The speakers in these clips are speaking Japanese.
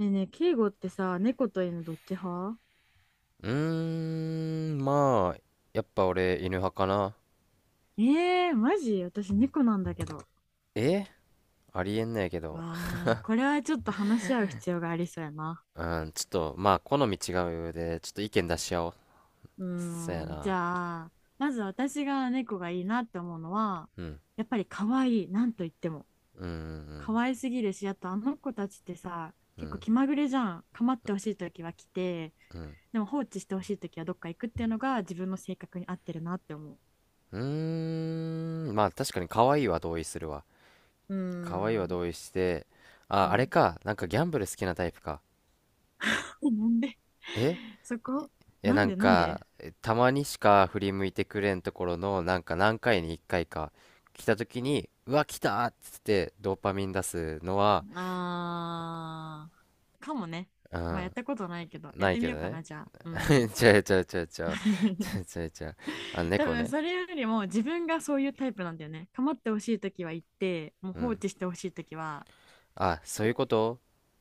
ねえねえ、敬語ってさ、猫と犬どっち派？うーん、まあ、やっぱ俺犬派かな。ええー、マジ私猫なんだけど。え、ありえんねやけど。わあ、これはちょっと話し合う必要がありそうやな。うん、ちょっと、好み違うで、ちょっと意見出し合おう。うそーやん、じな。ゃあ、まず私が猫がいいなって思うのは、うん、やっぱり可愛い、なんと言っても。うん、可愛すぎるし、あとあの子たちってさ、うん、う結構ん、気まぐれじゃん。構ってほしいときは来て、うん。でも放置してほしいときはどっか行くっていうのが自分の性格に合ってるなって思う。う確かに可愛いは同意するわ。うー可愛いはん、同意して、うあれん。か。なんかギャンブル好きなタイプか。なんで え、 そこ、いやななんんでなんかで？たまにしか振り向いてくれんところの、なんか何回に1回かいか来た時に「うわ来た!」っつってドーパミン出すのは。あー、かもね。うまあやっん、たことないけど、やっないてみけどようかね。 な、じゃあ。う ん ちゃうちゃうちゃうちゃうちゃ うちゃうちゃう。あ、多猫分ね。それよりも自分がそういうタイプなんだよね。構ってほしいときは言って、もうう放ん、置してほしいときは、あ、そういうこと。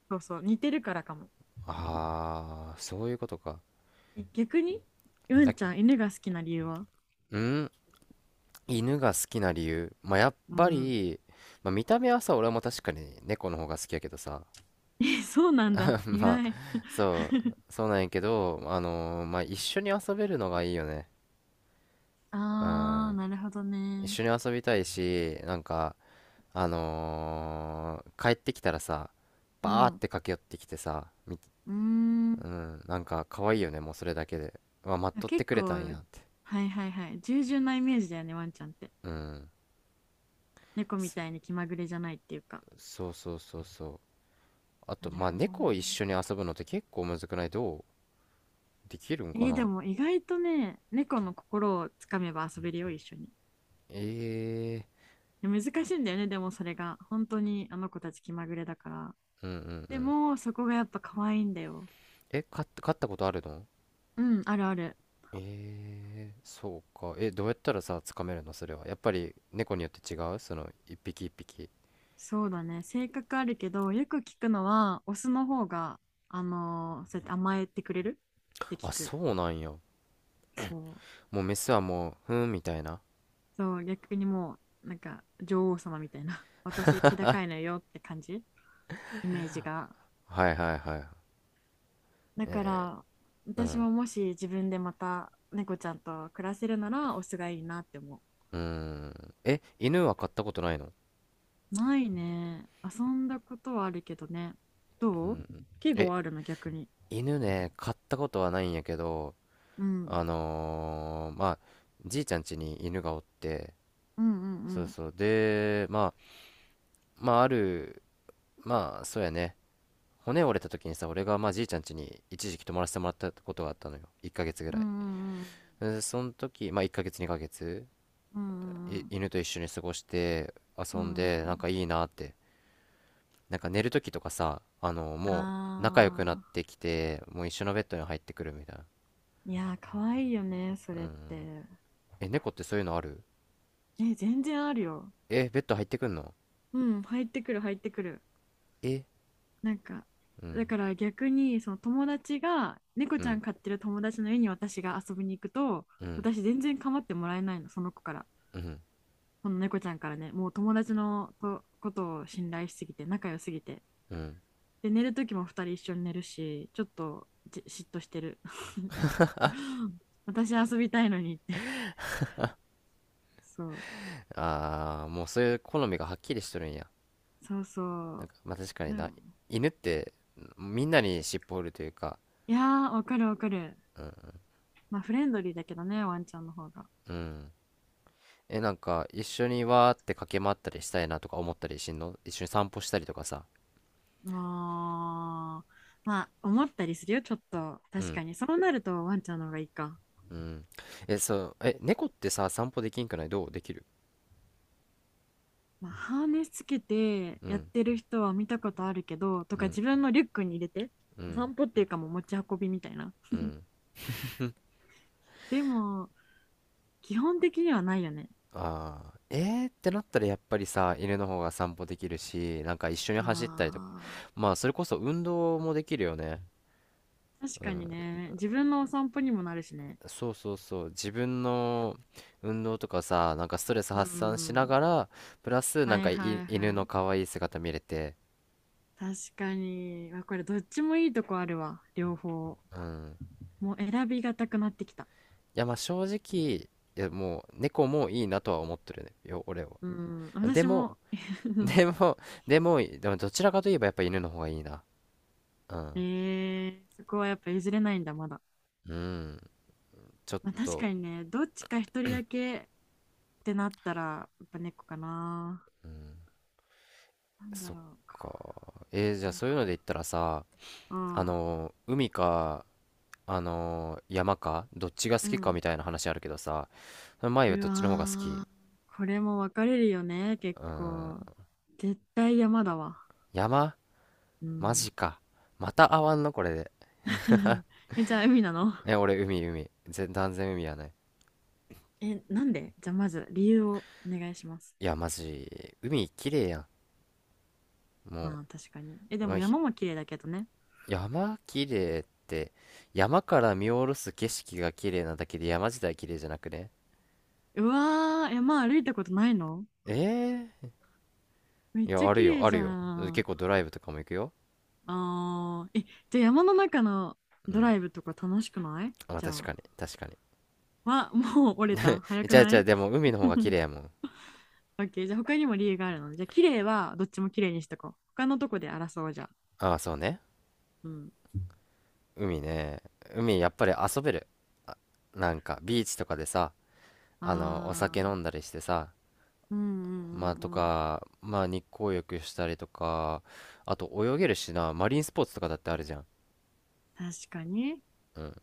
そうそう、似てるからかも。ああー、そういうことか。逆に、うあ、んちゃん、犬が好きな理由は？うん。犬が好きな理由、まあやっうぱん り、まあ、見た目はさ俺も確かに猫の方が好きやけどさ。 え、そうなんだ。意まあ、外。そうなんやけど、一緒に遊べるのがいいよね。うあー、ん。なるほど一ね。緒に遊びたいし、なんか、あのー帰ってきたらさ、うバーっん。うて駆け寄ってきてさ、ーん。うん、なんか可愛いよね、もうそれだけで。うわ、待っあとって結くれたんや構、って。はいはいはい。従順なイメージだよね、ワンちゃんって。うん。猫みそ、たいに気まぐれじゃないっていうか。そうそうそうそう。あなと、るまあ、ほど猫を一ね。緒に遊ぶのって結構むずくないど、うできるんかでな。も意外とね、猫の心をつかめば遊べるよ、一緒に。えで難しいんだよね、でもそれが。本当にあの子たち気まぐれだから。えー、うんうんでうん。も、そこがやっぱ可愛いんだよ。え、飼ったことあるの？うん、あるある。えー、そうか。え、どうやったらさ、つかめるのそれは。やっぱり猫によって違うその、一匹一匹。そうだね。性格あるけど、よく聞くのは、オスの方が、そうやって甘えてくれるってあ、聞く。そうなんや。そう。もうメスはもう、ふーんみたいな。そう、逆にもう、なんか女王様みたいな、私、気高いのよって感じ、イメージが。はいはいはい。だかえら、ー、う私ん。ももし自分でまた猫ちゃんと暮らせるなら、オスがいいなって思うーん。え、犬は飼ったことないの？う。ないね。遊んだことはあるけどね。うどう？ん。季語え、はあるの、逆に。犬ね、飼ったことはないんやけど、うん。あのー、まあ、じいちゃん家に犬がおって、うんうんそううん。そう。で、まあ、まあ、ある、まあ、そうやね。骨折れた時にさ俺がまあじいちゃん家に一時期泊まらせてもらったことがあったのよ、1ヶ月ぐらうんうい。んうん。でその時まあ1ヶ月2ヶ月、うんうんうん。犬と一緒に過ごしてう遊んんでうなんん。かいいなって。なんか寝る時とかさ、あのもう仲良くなっああ。てきてもう一緒のベッドに入ってくるみたいな。いやー、かわいいよね、それって。え、猫ってそういうのある？え、全然あるよ。え、ベッド入ってくんの？うん、入ってくる、入ってくる。え、なんか、うんだから逆に、その友達が猫うちゃんん飼ってる友達の家に私が遊びに行くと、うん私全然構ってもらえないの、その子から。うんこの猫ちゃんからね、もう友達のとことを信頼しすぎて、仲良すぎて、うん。で寝る時も二人一緒に寝るし、ちょっと嫉妬してる 私遊びたいのにって そうああー、もうそういう好みがはっきりしとるんや。そうそなんう。かまあ確かにでな、も、犬ってみんなに尻尾振るというか。いやー、わかるわかる。まあフレンドリーだけどね、ワンちゃんの方が。うん。え、なんか、一緒にわーって駆け回ったりしたいなとか思ったりしんの？一緒に散歩したりとかさ。もう、まあ、思ったりするよ、ちょっと。う確ん、かに。そうなるとワンちゃんの方がいいか。うん。え、そう、え、猫ってさ、散歩できんくないど、うできる？まあ、ハーネスつけてうやっん、てる人は見たことあるけど、とうかん、自分のリュックに入れて、うおん、散歩っていうかもう持ち運びみたいな。うん。でも、基本的にはないよね。ああ、えーってなったらやっぱりさ、犬の方が散歩できるし、なんか一緒に走ったりとか。あまあ、それこそ運動もできるよね。あ、確うかん、にね。自分のお散歩にもなるしね。そうそうそう。自分の運動とかさ、なんかストレスう発散しなん。がら、プラスなはんいか、はい犬はのい。可愛い姿見れて、確かに。あ、これどっちもいいとこあるわ。両方。うん。もう選びがたくなってきた。いや、まあ正直、いや、もう猫もいいなとは思ってるね。俺は。うん、で私も、も でも、でも、でもどちらかといえばやっぱ犬の方がいいな。うん。ええ、そこはやっぱ譲れないんだ、まだ。うん。ちょっまあ、確かと、にね、どっちか一人だけってなったら、やっぱ猫かな。うん。なんだそっろうか。か。えー、じゃそあうそういうか。ので言ったらさ、ああ、のー海か、あのー山か、どっちがう好きかん。みたいな話あるけどさ、前はうどっわちの方が好き？ー、これも分かれるよね、結うん。構。絶対山だわ。山？うマん。ジか。また会わんのこれで。え、じゃあ海なの？え、俺海、海。断然海やね。え、なんでじゃあまず理由をお願いします。いや、マジ、海綺麗やん。もまあ確かに。え、う、でまもあひ山も綺麗だけどね。山綺麗って、山から見下ろす景色が綺麗なだけで山自体綺麗じゃなくね？うわー、山歩いたことないの？ええめー、っいちや、ゃある綺よ、麗あじるゃよ。結ん。構ドライブとかも行くよ。あー、え、じゃあ山の中のうドん。ライブとか楽しくないまあ、じゃあ。確かに。は、もう折れた早くじゃあ、なじゃあ、い？ でも海の方が綺 麗やもん。オッケー、じゃあ他にも理由があるので。じゃあ綺麗はどっちも綺麗にしとこう。他のとこで争おうじゃあ。ああ、そうね。うん。海ね。海、やっぱり遊べる。あ、なんか、ビーチとかでさ、あの、お酒あ飲あ、んだりしてさ、うんうんうまあとんうん。か、まあ日光浴したりとか、あと泳げるしな、マリンスポーツとかだってあるじゃん。確かに。うん。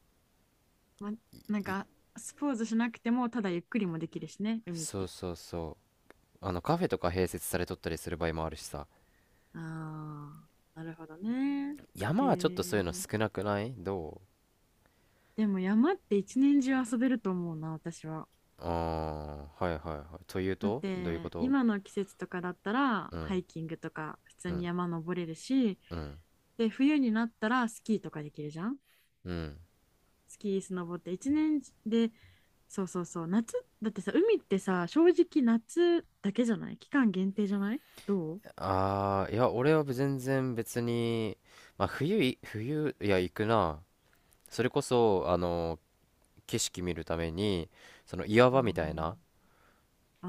ま、なんい、か、スポーツしなくても、ただゆっくりもできるしね、海っそうて。そうそう。あのカフェとか併設されとったりする場合もあるしさ。ああ、なるほどね。へ山はちょっとそういうのえ。少なくないど、でも山って一年中遊べると思うな、私は。う？ああー、はいはいはい。というだっとどういうこてと？今の季節とかだったらうん、ハイキングとか普通うにん、山登れるし、うん、で冬になったらスキーとかできるじゃん。うん。スキースノボって一年で、そうそうそう、夏だってさ、海ってさ、正直夏だけじゃない、期間限定じゃない、どう？ああ、いや、俺は全然別に、まあ冬い、冬、いや、行くな。それこそ、あの、景色見るために、その岩場みたいな、あ、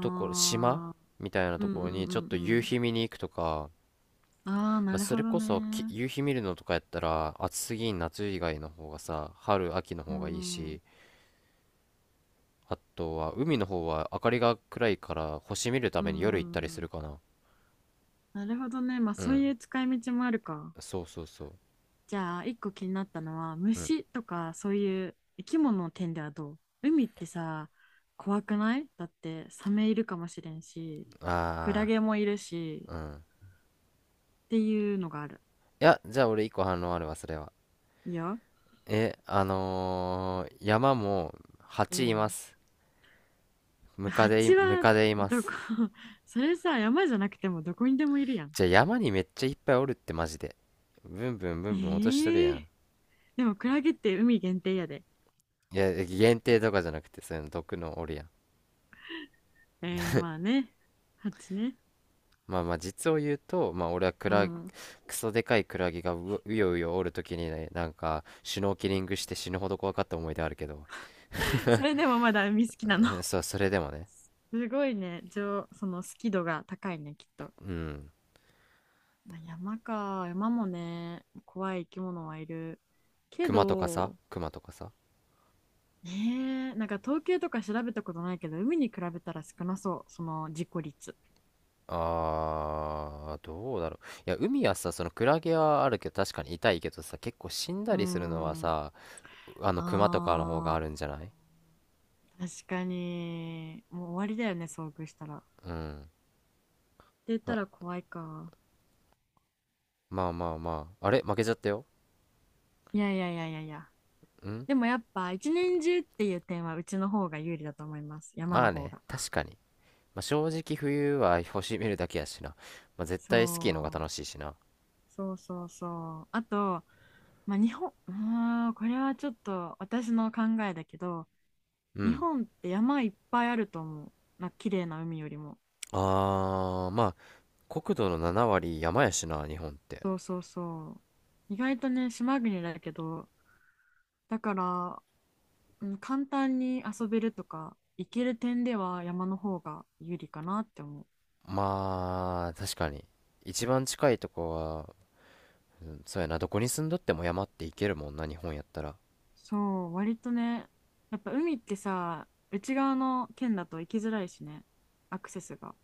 ところ、島みたいなあー、うとんこうろにちょっんとうんう夕ん、日見に行くとか、ああー、まなあ、るそほれどこそきね、夕日見るのとかやったら暑すぎん夏以外の方がさ、春、秋のうん方がいいうし、んあとは海の方は明かりが暗いから星見るたうんめに夜行ったりうすん、るかな。なるほどね、まあうそうん。いう使い道もあるか。そうそうそう。じゃあ、一個気になったのは、うん。虫とかそういう生き物の点ではどう？海ってさ、怖くない？だって、サメいるかもしれんし、クラあゲもいるし、あ、うん。っていうのがある。いや、じゃあ俺一個反論あるわ、それは。いや、え、あのー山もう蜂いまん。す。蜂ムはカデいまどこ？ す。それさ、山じゃなくてもどこにでもいるやん。じゃあ山にめっちゃいっぱいおるってマジで？ブンブンブえンブン落としとるやー、ん。でもクラゲって海限定やで。いや限定とかじゃなくてそういうの毒のおるやん。えー、まあね、蜂ね。まあ実を言うとまあ俺はうん。クソでかいクラゲがううようよおるときにね、なんかシュノーケリングして死ぬほど怖かった思い出あるけど。 それでもまだ海好きなの。そう、それでもね。すごいね、上、その好き度が高いね、きっと。うん。まあ、山か、山もね、怖い生き物はいる。けクマとかさ、ど、クマとかさ。ねえ、なんか統計とか調べたことないけど、海に比べたら少なそう、その事故率。あー、どうだろう。いや海はさそのクラゲはあるけど確かに痛いけどさ、結構死んだうーりするのはん、さ、あのクマとかの方がああるんじゃない？ー、確かに、もう終わりだよね、遭遇したら。ってうん。言ったら怖いか。まあ。あれ負けちゃったよ。いやいやいやいやいや。ん、でもやっぱ、一年中っていう点は、うちの方が有利だと思います。山まのあ方ね、が。確かに。まあ、正直冬は星見るだけやしな。まあ、絶そ対スキーの方がう。楽しいしな。そうそうそう。あと、まあ、日本、うーん、これはちょっと私の考えだけど、う日ん。本って山いっぱいあると思う。な、綺麗な海よりも。あー、まあ、国土の7割山やしな、日本って。そうそうそう。意外とね、島国だけど、だから、うん、簡単に遊べるとか、行ける点では山の方が有利かなって思う。まあ、確かに。一番近いとこは、うんそうやな、どこに住んどっても山って行けるもんな、日本やったら。そう、割とね、やっぱ海ってさ、内側の県だと行きづらいしね、アクセスが。